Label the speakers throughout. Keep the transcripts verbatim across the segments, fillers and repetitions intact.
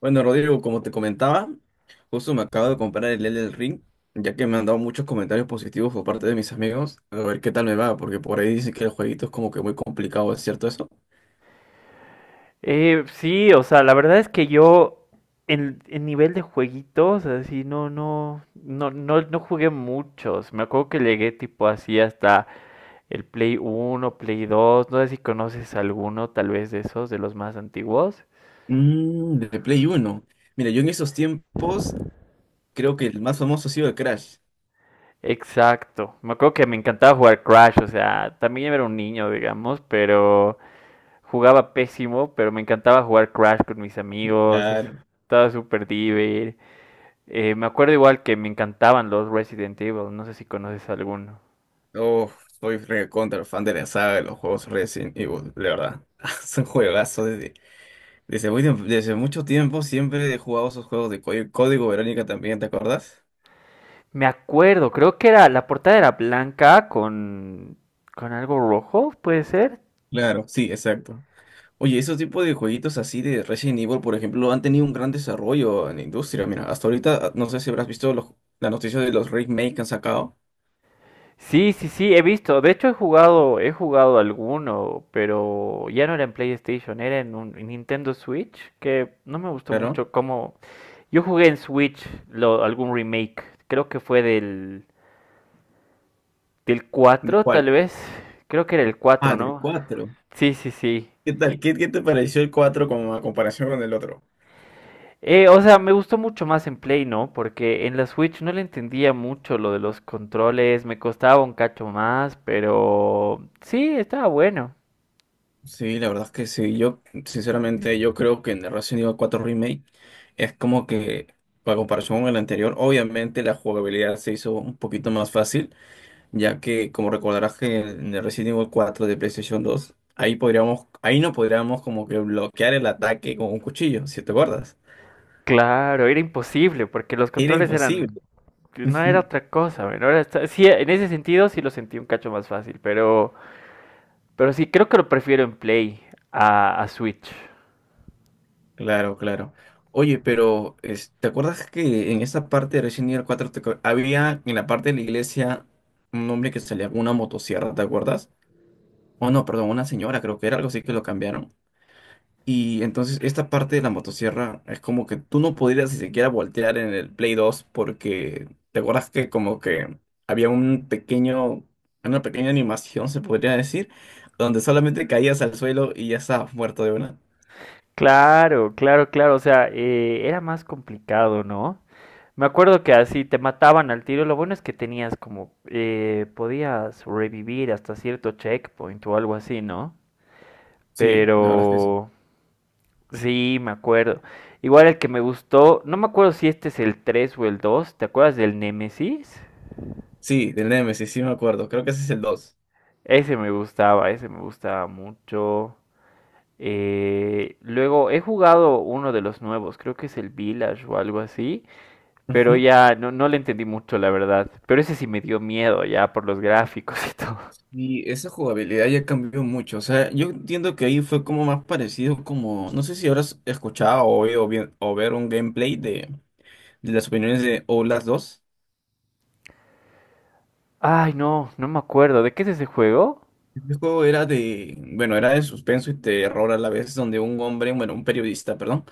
Speaker 1: Bueno, Rodrigo, como te comentaba, justo me acabo de comprar el Elden Ring, ya que me han dado muchos comentarios positivos por parte de mis amigos. A ver qué tal me va, porque por ahí dicen que el jueguito es como que muy complicado, ¿es cierto eso?
Speaker 2: Eh, sí, o sea, la verdad es que yo en, en nivel de jueguitos, así, no, no, no, no, no jugué muchos. Me acuerdo que llegué tipo así hasta el Play Uno, Play Dos. No sé si conoces alguno tal vez de esos, de los más antiguos.
Speaker 1: Mm, de Play Uno. Mira, yo en esos tiempos creo que el más famoso ha sido el Crash.
Speaker 2: Exacto, me acuerdo que me encantaba jugar Crash, o sea, también era un niño, digamos, pero jugaba pésimo, pero me encantaba jugar Crash con mis amigos, es-
Speaker 1: Claro.
Speaker 2: estaba súper divertido. Eh, me acuerdo igual que me encantaban los Resident Evil, no sé si conoces alguno.
Speaker 1: Oh, soy recontra fan de la saga de los juegos Resident Evil, la verdad. Son juegazos desde, desde, muy tiemp- desde mucho tiempo siempre he jugado esos juegos de Código Código Verónica también, ¿te acuerdas?
Speaker 2: Me acuerdo, creo que era, la portada era blanca con, con algo rojo, puede ser.
Speaker 1: Claro, sí, exacto. Oye, esos tipos de jueguitos así de Resident Evil, por ejemplo, han tenido un gran desarrollo en la industria. Mira, hasta ahorita, no sé si habrás visto los, la noticia de los remakes que han sacado,
Speaker 2: Sí, sí, sí, he visto. De hecho, he jugado, he jugado alguno, pero ya no era en PlayStation, era en un en Nintendo Switch, que no me gustó
Speaker 1: claro.
Speaker 2: mucho cómo... Yo jugué en Switch lo- algún remake, creo que fue del, del
Speaker 1: ¿De
Speaker 2: cuatro, tal
Speaker 1: cuál?
Speaker 2: vez. Creo que era el cuatro,
Speaker 1: Ah, del
Speaker 2: ¿no?
Speaker 1: cuatro.
Speaker 2: Sí, sí, sí.
Speaker 1: ¿Qué tal? ¿Qué, qué te pareció el cuatro como a comparación con el otro?
Speaker 2: Eh, o sea, me gustó mucho más en Play, ¿no? Porque en la Switch no le entendía mucho lo de los controles, me costaba un cacho más, pero sí, estaba bueno.
Speaker 1: Sí, la verdad es que sí. Yo, sinceramente, yo creo que en el Resident Evil cuatro Remake es como que, a comparación con el anterior, obviamente la jugabilidad se hizo un poquito más fácil, ya que como recordarás que en el Resident Evil cuatro de PlayStation dos, ahí podríamos, ahí no podríamos como que bloquear el ataque con un cuchillo, si te acuerdas.
Speaker 2: Claro, era imposible, porque los
Speaker 1: Era
Speaker 2: controles eran,
Speaker 1: imposible.
Speaker 2: no era
Speaker 1: Ujú.
Speaker 2: otra cosa, men, ahora está- sí, en ese sentido sí lo sentí un cacho más fácil, pero, pero sí, creo que lo prefiero en Play a, a Switch.
Speaker 1: Claro, claro. Oye, pero es- ¿te acuerdas que en esa parte de Resident Evil cuatro te acuer- había en la parte de la iglesia un hombre que salía con una motosierra, ¿te acuerdas? Oh no, perdón, una señora, creo que era algo así que lo cambiaron. Y entonces esta parte de la motosierra es como que tú no podrías ni siquiera voltear en el Play dos porque te acuerdas que como que había un pequeño, una pequeña animación, se podría decir, donde solamente caías al suelo y ya estabas muerto de una.
Speaker 2: Claro, claro, claro, o sea, eh, era más complicado, ¿no? Me acuerdo que así te mataban al tiro. Lo bueno es que tenías como, eh, podías revivir hasta cierto checkpoint o algo así, ¿no?
Speaker 1: Sí, la verdad es que sí.
Speaker 2: Pero sí, me acuerdo. Igual el que me gustó, no me acuerdo si este es el tres o el dos. ¿Te acuerdas del Nemesis?
Speaker 1: Sí, del Nemesis, sí me acuerdo, creo que ese es el dos.
Speaker 2: Ese me gustaba, ese me gustaba mucho. Eh, luego he jugado uno de los nuevos, creo que es el Village o algo así, pero
Speaker 1: Ujú.
Speaker 2: ya no, no le entendí mucho, la verdad. Pero ese sí me dio miedo ya por los gráficos y todo.
Speaker 1: Y esa jugabilidad ya cambió mucho, o sea, yo entiendo que ahí fue como más parecido como, no sé si habrás escuchado o oído bien, o ver un gameplay de de las opiniones de O las dos.
Speaker 2: Ay, no, no me acuerdo. ¿De qué es ese juego?
Speaker 1: Este juego era de, bueno, era de suspenso y terror a la vez, donde un hombre, bueno, un periodista, perdón,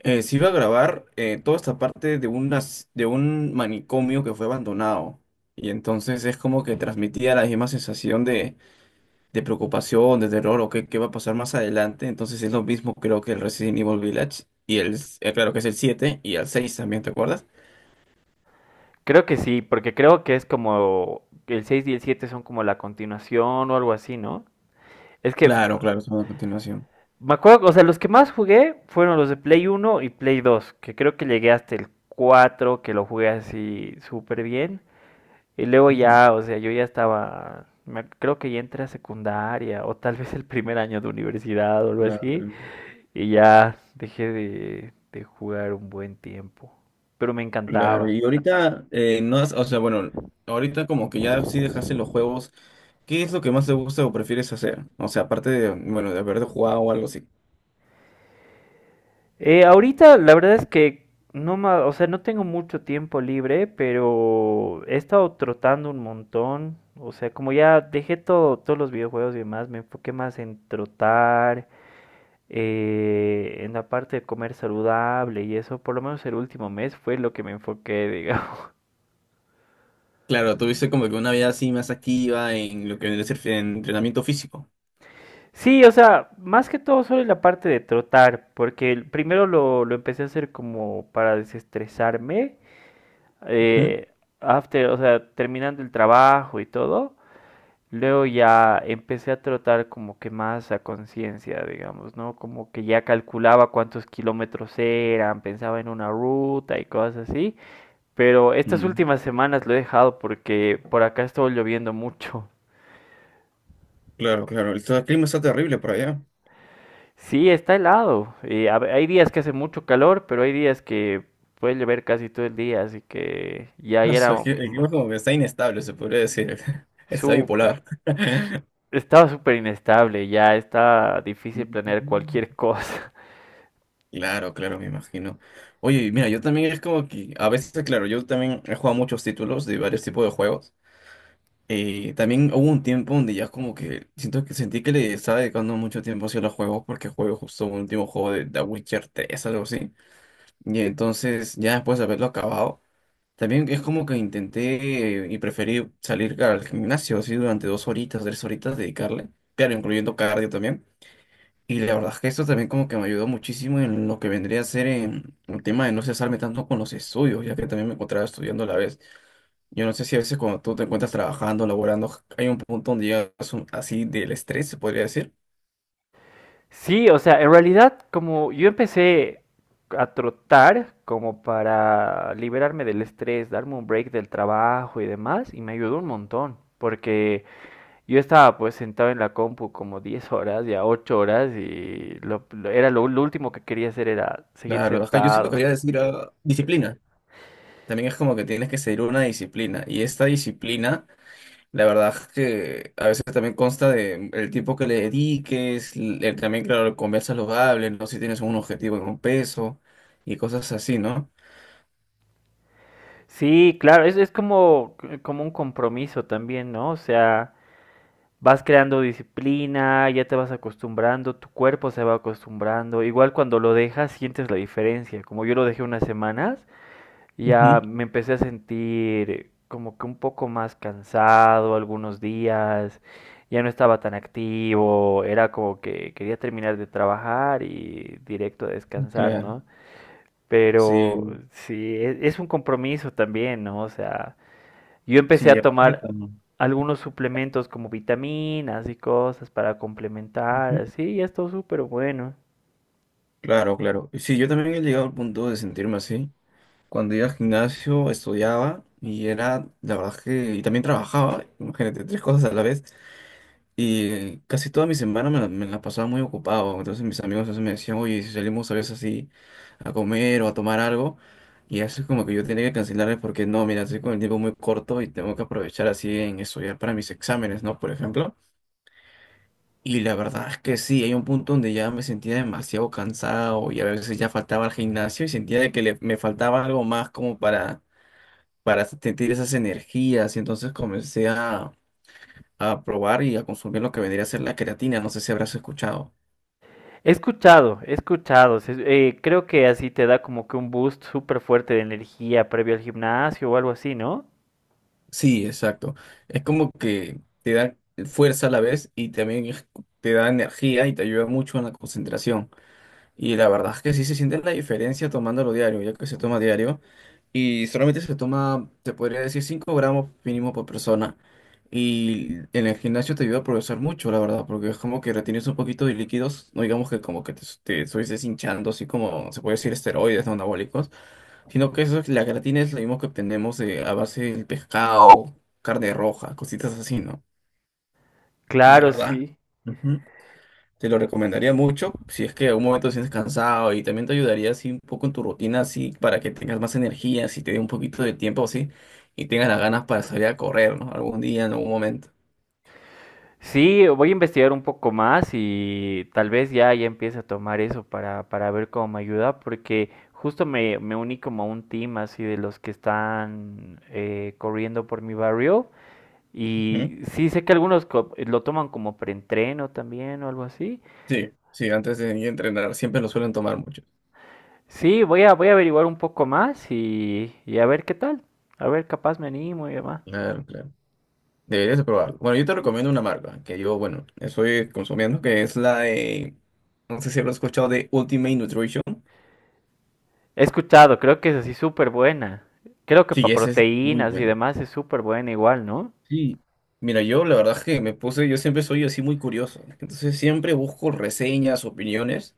Speaker 1: eh, se iba a grabar eh, toda esta parte de unas, de un manicomio que fue abandonado. Y entonces es como que transmitía la misma sensación de, de preocupación, de terror o qué, qué va a pasar más adelante. Entonces es lo mismo creo que el Resident Evil Village y el, eh, claro que es el siete y el seis también, ¿te acuerdas?
Speaker 2: Creo que sí, porque creo que es como el seis y el siete son como la continuación o algo así, ¿no? Es que
Speaker 1: Claro, claro, son a continuación.
Speaker 2: me acuerdo, o sea, los que más jugué fueron los de Play uno y Play dos, que creo que llegué hasta el cuatro, que lo jugué así súper bien. Y luego
Speaker 1: Ujú.
Speaker 2: ya, o sea, yo ya estaba, me- creo que ya entré a secundaria o tal vez el primer año de universidad o algo así.
Speaker 1: Claro.
Speaker 2: Y ya dejé de, de jugar un buen tiempo. Pero me
Speaker 1: Claro,
Speaker 2: encantaba.
Speaker 1: y ahorita, eh, no has- o sea, bueno, ahorita como que ya sí dejaste los juegos, ¿qué es lo que más te gusta o prefieres hacer? O sea, aparte de, bueno, de haber jugado o algo así.
Speaker 2: Eh, ahorita la verdad es que no ma- o sea, no tengo mucho tiempo libre, pero he estado trotando un montón. O sea, como ya dejé todo, todos los videojuegos y demás, me enfoqué más en trotar, eh, en la parte de comer saludable y eso, por lo menos el último mes fue lo que me enfoqué, digamos.
Speaker 1: Claro, tuviste como que una vida así más activa en lo que vendría a ser fi- en entrenamiento físico.
Speaker 2: Sí, o sea, más que todo solo en la parte de trotar, porque el- primero lo, lo empecé a hacer como para desestresarme,
Speaker 1: Ujú.
Speaker 2: eh, after, o sea, terminando el trabajo y todo. Luego ya empecé a trotar como que más a conciencia, digamos, ¿no? Como que ya calculaba cuántos kilómetros eran, pensaba en una ruta y cosas así. Pero estas
Speaker 1: Mm.
Speaker 2: últimas semanas lo he dejado porque por acá estuvo lloviendo mucho.
Speaker 1: Claro, claro, el el clima está terrible por allá.
Speaker 2: Sí, está helado. Y a hay días que hace mucho calor, pero hay días que puede llover casi todo el día, así que ya
Speaker 1: Ah,
Speaker 2: ya era
Speaker 1: su- El cli- el
Speaker 2: mm,
Speaker 1: clima como que está inestable, se podría decir. Está
Speaker 2: súper.
Speaker 1: bipolar.
Speaker 2: su- Estaba súper inestable, ya está difícil planear cualquier cosa.
Speaker 1: Claro, claro, me imagino. Oye, mira, yo también es como que a veces, claro, yo también he jugado muchos títulos de varios tipos de juegos. Eh, también hubo un tiempo donde ya como que siento que sentí que le estaba dedicando mucho tiempo hacia los juegos porque jugué justo un último juego de The Witcher tres, algo así. Y entonces, ya después de haberlo acabado, también es como que intenté eh, y preferí salir al gimnasio así durante dos horitas, tres horitas, dedicarle. Claro, incluyendo cardio también. Y la verdad es que esto también como que me ayudó muchísimo en lo que vendría a ser en el tema de no cesarme tanto con los estudios, ya que también me encontraba estudiando a la vez. Yo no sé si a veces cuando tú te encuentras trabajando, laborando, hay un punto donde llegas un- así del estrés, se podría decir.
Speaker 2: Sí, o sea, en realidad como yo empecé a trotar como para liberarme del estrés, darme un break del trabajo y demás, y me ayudó un montón, porque yo estaba pues sentado en la compu como diez horas, ya ocho horas, y lo, lo- era lo, lo último que quería hacer era
Speaker 1: La
Speaker 2: seguir
Speaker 1: verdad es que yo siento que
Speaker 2: sentado.
Speaker 1: quería decir ah, disciplina. También es como que tienes que seguir una disciplina. Y esta disciplina, la verdad es que a veces también consta de el tiempo que le dediques, el- también, claro, comer saludable, no sé si tienes un objetivo en un peso y cosas así, ¿no?
Speaker 2: Sí, claro, es, es como, como un compromiso también, ¿no? O sea... Vas creando disciplina, ya te vas acostumbrando, tu cuerpo se va acostumbrando. Igual cuando lo dejas sientes la diferencia. Como yo lo dejé unas semanas,
Speaker 1: Ujú.
Speaker 2: ya me empecé a sentir como que un poco más cansado algunos días, ya no estaba tan activo, era como que quería terminar de trabajar y directo a descansar,
Speaker 1: Claro,
Speaker 2: ¿no? Pero
Speaker 1: sí,
Speaker 2: sí, e- es un compromiso también, ¿no? O sea, yo empecé
Speaker 1: sí,
Speaker 2: a
Speaker 1: ya pasa
Speaker 2: tomar
Speaker 1: cuando-
Speaker 2: algunos suplementos como vitaminas y cosas para complementar,
Speaker 1: ujú.
Speaker 2: así, y esto es súper bueno.
Speaker 1: Claro, claro. Sí, yo también he llegado al punto de sentirme así. Cuando iba al gimnasio, estudiaba y era, la verdad es que, y también trabajaba, imagínate, tres cosas a la vez. Y casi toda mi semana me la, me la pasaba muy ocupado. Entonces mis amigos a veces me decían, oye, si salimos a veces así a comer o a tomar algo. Y así es como que yo tenía que cancelarles porque no, mira, estoy con el tiempo muy corto y tengo que aprovechar así en estudiar para mis exámenes, ¿no? Por ejemplo. Y la verdad es que sí, hay un punto donde ya me sentía demasiado cansado y a veces ya faltaba al gimnasio y sentía de que le- me faltaba algo más como para, para sentir esas energías. Y entonces comencé a, a probar y a consumir lo que vendría a ser la creatina. No sé si habrás escuchado.
Speaker 2: He escuchado, he escuchado, se- eh, creo que así te da como que un boost súper fuerte de energía previo al gimnasio o algo así, ¿no?
Speaker 1: Sí, exacto. Es como que te da fuerza a la vez y también es- te da energía y te ayuda mucho en la concentración. Y la verdad es que sí se siente la diferencia tomándolo diario, ya que se toma diario. Y solamente se toma, te podría decir, cinco gramos mínimo por persona. Y en el gimnasio te ayuda a progresar mucho, la verdad, porque es como que retienes un poquito de líquidos, no digamos que como que te, te estuvieses hinchando, así como se puede decir esteroides no anabólicos, sino que eso, es- la creatina es lo mismo que obtenemos eh, a base del pescado, carne roja, cositas así, ¿no? Y la
Speaker 2: Claro,
Speaker 1: verdad.
Speaker 2: sí.
Speaker 1: Te lo recomendaría mucho si es que en un momento te sientes cansado y también te ayudaría así un poco en tu rutina, así para que tengas más energía, si te dé un poquito de tiempo así y tengas las ganas para salir a correr, ¿no? Algún día, en algún momento.
Speaker 2: Sí, voy a investigar un poco más y tal vez ya, ya empiece a tomar eso para, para ver cómo me ayuda, porque justo me, me uní como a un team así de los que están eh, corriendo por mi barrio.
Speaker 1: Ujú.
Speaker 2: Y sí, sé que algunos co- eh, lo toman como preentreno también o algo así.
Speaker 1: Sí, sí, antes de ir a entrenar, siempre lo suelen tomar muchos.
Speaker 2: Sí, voy a, voy a averiguar un poco más y, y a ver qué tal. A ver, capaz me animo y demás.
Speaker 1: Claro, claro. Deberías de probarlo. Bueno, yo te recomiendo una marca que yo, bueno, estoy consumiendo, que es la de, no sé si habrás escuchado de Ultimate Nutrition.
Speaker 2: He escuchado, creo que es así súper buena. Creo que
Speaker 1: Sí,
Speaker 2: para
Speaker 1: esa es muy
Speaker 2: proteínas y
Speaker 1: buena.
Speaker 2: demás es súper buena igual, ¿no?
Speaker 1: Sí, mira, yo la verdad es que me puse, yo siempre soy así muy curioso, entonces siempre busco reseñas, opiniones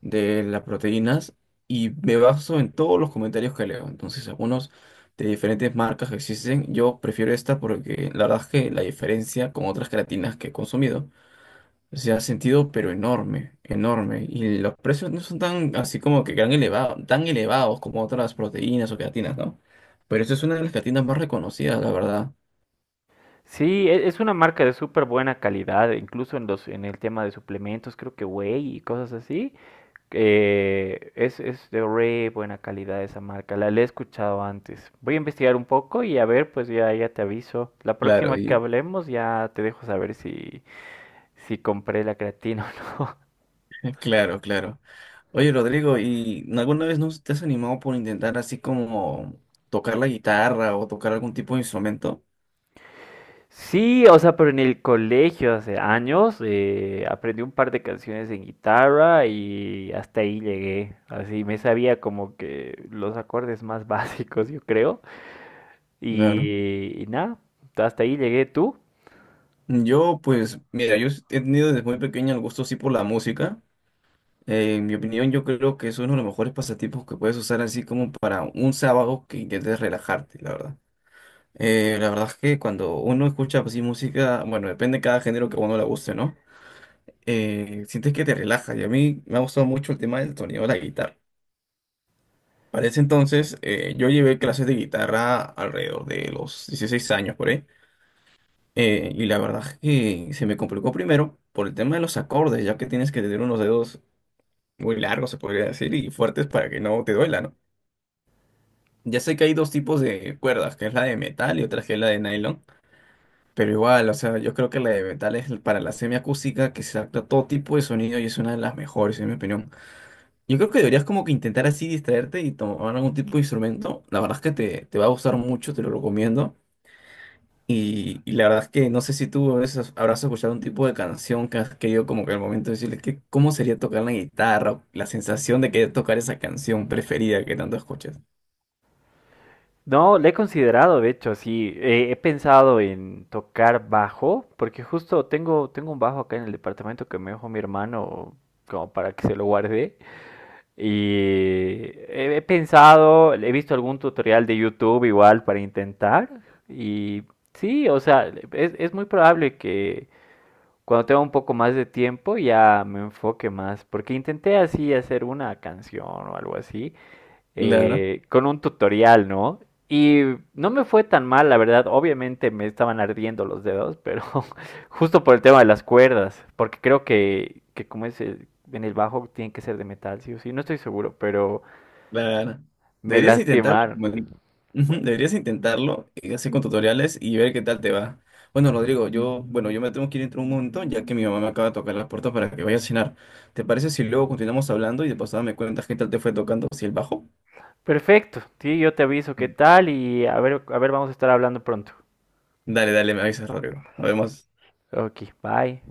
Speaker 1: de las proteínas y me baso en todos los comentarios que leo, entonces algunos de diferentes marcas que existen, yo prefiero esta porque la verdad es que la diferencia con otras creatinas que he consumido se ha sentido pero enorme, enorme, y los precios no son tan así como que tan elevados, tan elevados como otras proteínas o creatinas, ¿no? Pero esta es una de las creatinas más reconocidas, la verdad.
Speaker 2: Sí, e- es una marca de súper buena calidad, incluso en los, en el tema de suplementos, creo que whey y cosas así. Eh, es, es de re buena calidad esa marca, la, la he escuchado antes. Voy a investigar un poco y a ver, pues ya, ya te aviso. La
Speaker 1: Claro.
Speaker 2: próxima que hablemos ya te dejo saber si, si compré la creatina o no.
Speaker 1: Claro, claro. Oye, Rodrigo, ¿y alguna vez no te has animado por intentar así como tocar la guitarra o tocar algún tipo de instrumento?
Speaker 2: Sí, o sea, pero en el colegio hace años eh, aprendí un par de canciones en guitarra y hasta ahí llegué. Así me sabía como que los acordes más básicos, yo creo.
Speaker 1: Claro.
Speaker 2: Y, y nada, hasta ahí llegué tú.
Speaker 1: Yo, pues, mira, yo he tenido desde muy pequeño el gusto así por la música. Eh, en mi opinión, yo creo que es uno de los mejores pasatiempos que puedes usar así como para un sábado que intentes relajarte, la verdad. Eh, la verdad es que cuando uno escucha así música, bueno, depende de cada género que a uno le guste, ¿no? Eh, sientes que te relaja y a mí me ha gustado mucho el tema del sonido de la guitarra. Para ese entonces, eh, yo llevé clases de guitarra alrededor de los dieciséis años por ahí. eh, y la verdad es que se me complicó primero por el tema de los acordes, ya que tienes que tener unos dedos muy largos, se podría decir, y fuertes para que no te duela, ¿no? Ya sé que hay dos tipos de cuerdas, que es la de metal y otra que es la de nylon, pero igual, o sea, yo creo que la de metal es para la semiacústica, que se adapta a todo tipo de sonido y es una de las mejores, en mi opinión. Yo creo que deberías como que intentar así distraerte y tomar algún tipo de instrumento. La verdad es que te, te va a gustar mucho, te lo recomiendo. Y, y la verdad es que no sé si tú a veces habrás escuchado un tipo de canción que has querido como que al momento decirles que cómo sería tocar la guitarra, la sensación de querer tocar esa canción preferida que tanto escuchas.
Speaker 2: No, le he considerado, de hecho, sí. Eh, he pensado en tocar bajo, porque justo tengo, tengo un bajo acá en el departamento que me dejó mi hermano como para que se lo guarde. Y he, he pensado, he visto algún tutorial de YouTube igual para intentar. Y sí, o sea, es, es muy probable que cuando tenga un poco más de tiempo ya me enfoque más, porque intenté así hacer una canción o algo así
Speaker 1: Claro.
Speaker 2: eh, con un tutorial, ¿no? Y no me fue tan mal, la verdad. Obviamente me estaban ardiendo los dedos, pero justo por el tema de las cuerdas, porque creo que, que como es el- en el bajo, tiene que ser de metal, sí o sí. No estoy seguro, pero
Speaker 1: Claro.
Speaker 2: me
Speaker 1: Deberías intentarlo.
Speaker 2: lastimaron.
Speaker 1: Como Ujú.
Speaker 2: Bueno,
Speaker 1: Deberías intentarlo y así con tutoriales y ver qué tal te va. Bueno, Rodrigo, yo, bueno, yo me tengo que ir dentro de un montón, ya que mi mamá me acaba de tocar la puerta para que vaya a cenar. ¿Te parece si luego continuamos hablando y de pasada me cuentas qué tal te fue tocando si el bajo?
Speaker 2: perfecto, sí, yo te aviso qué tal y a ver, a ver, vamos a estar hablando pronto.
Speaker 1: Dale, dale, me avisas, Rodrigo. Nos vemos.
Speaker 2: Ok, bye.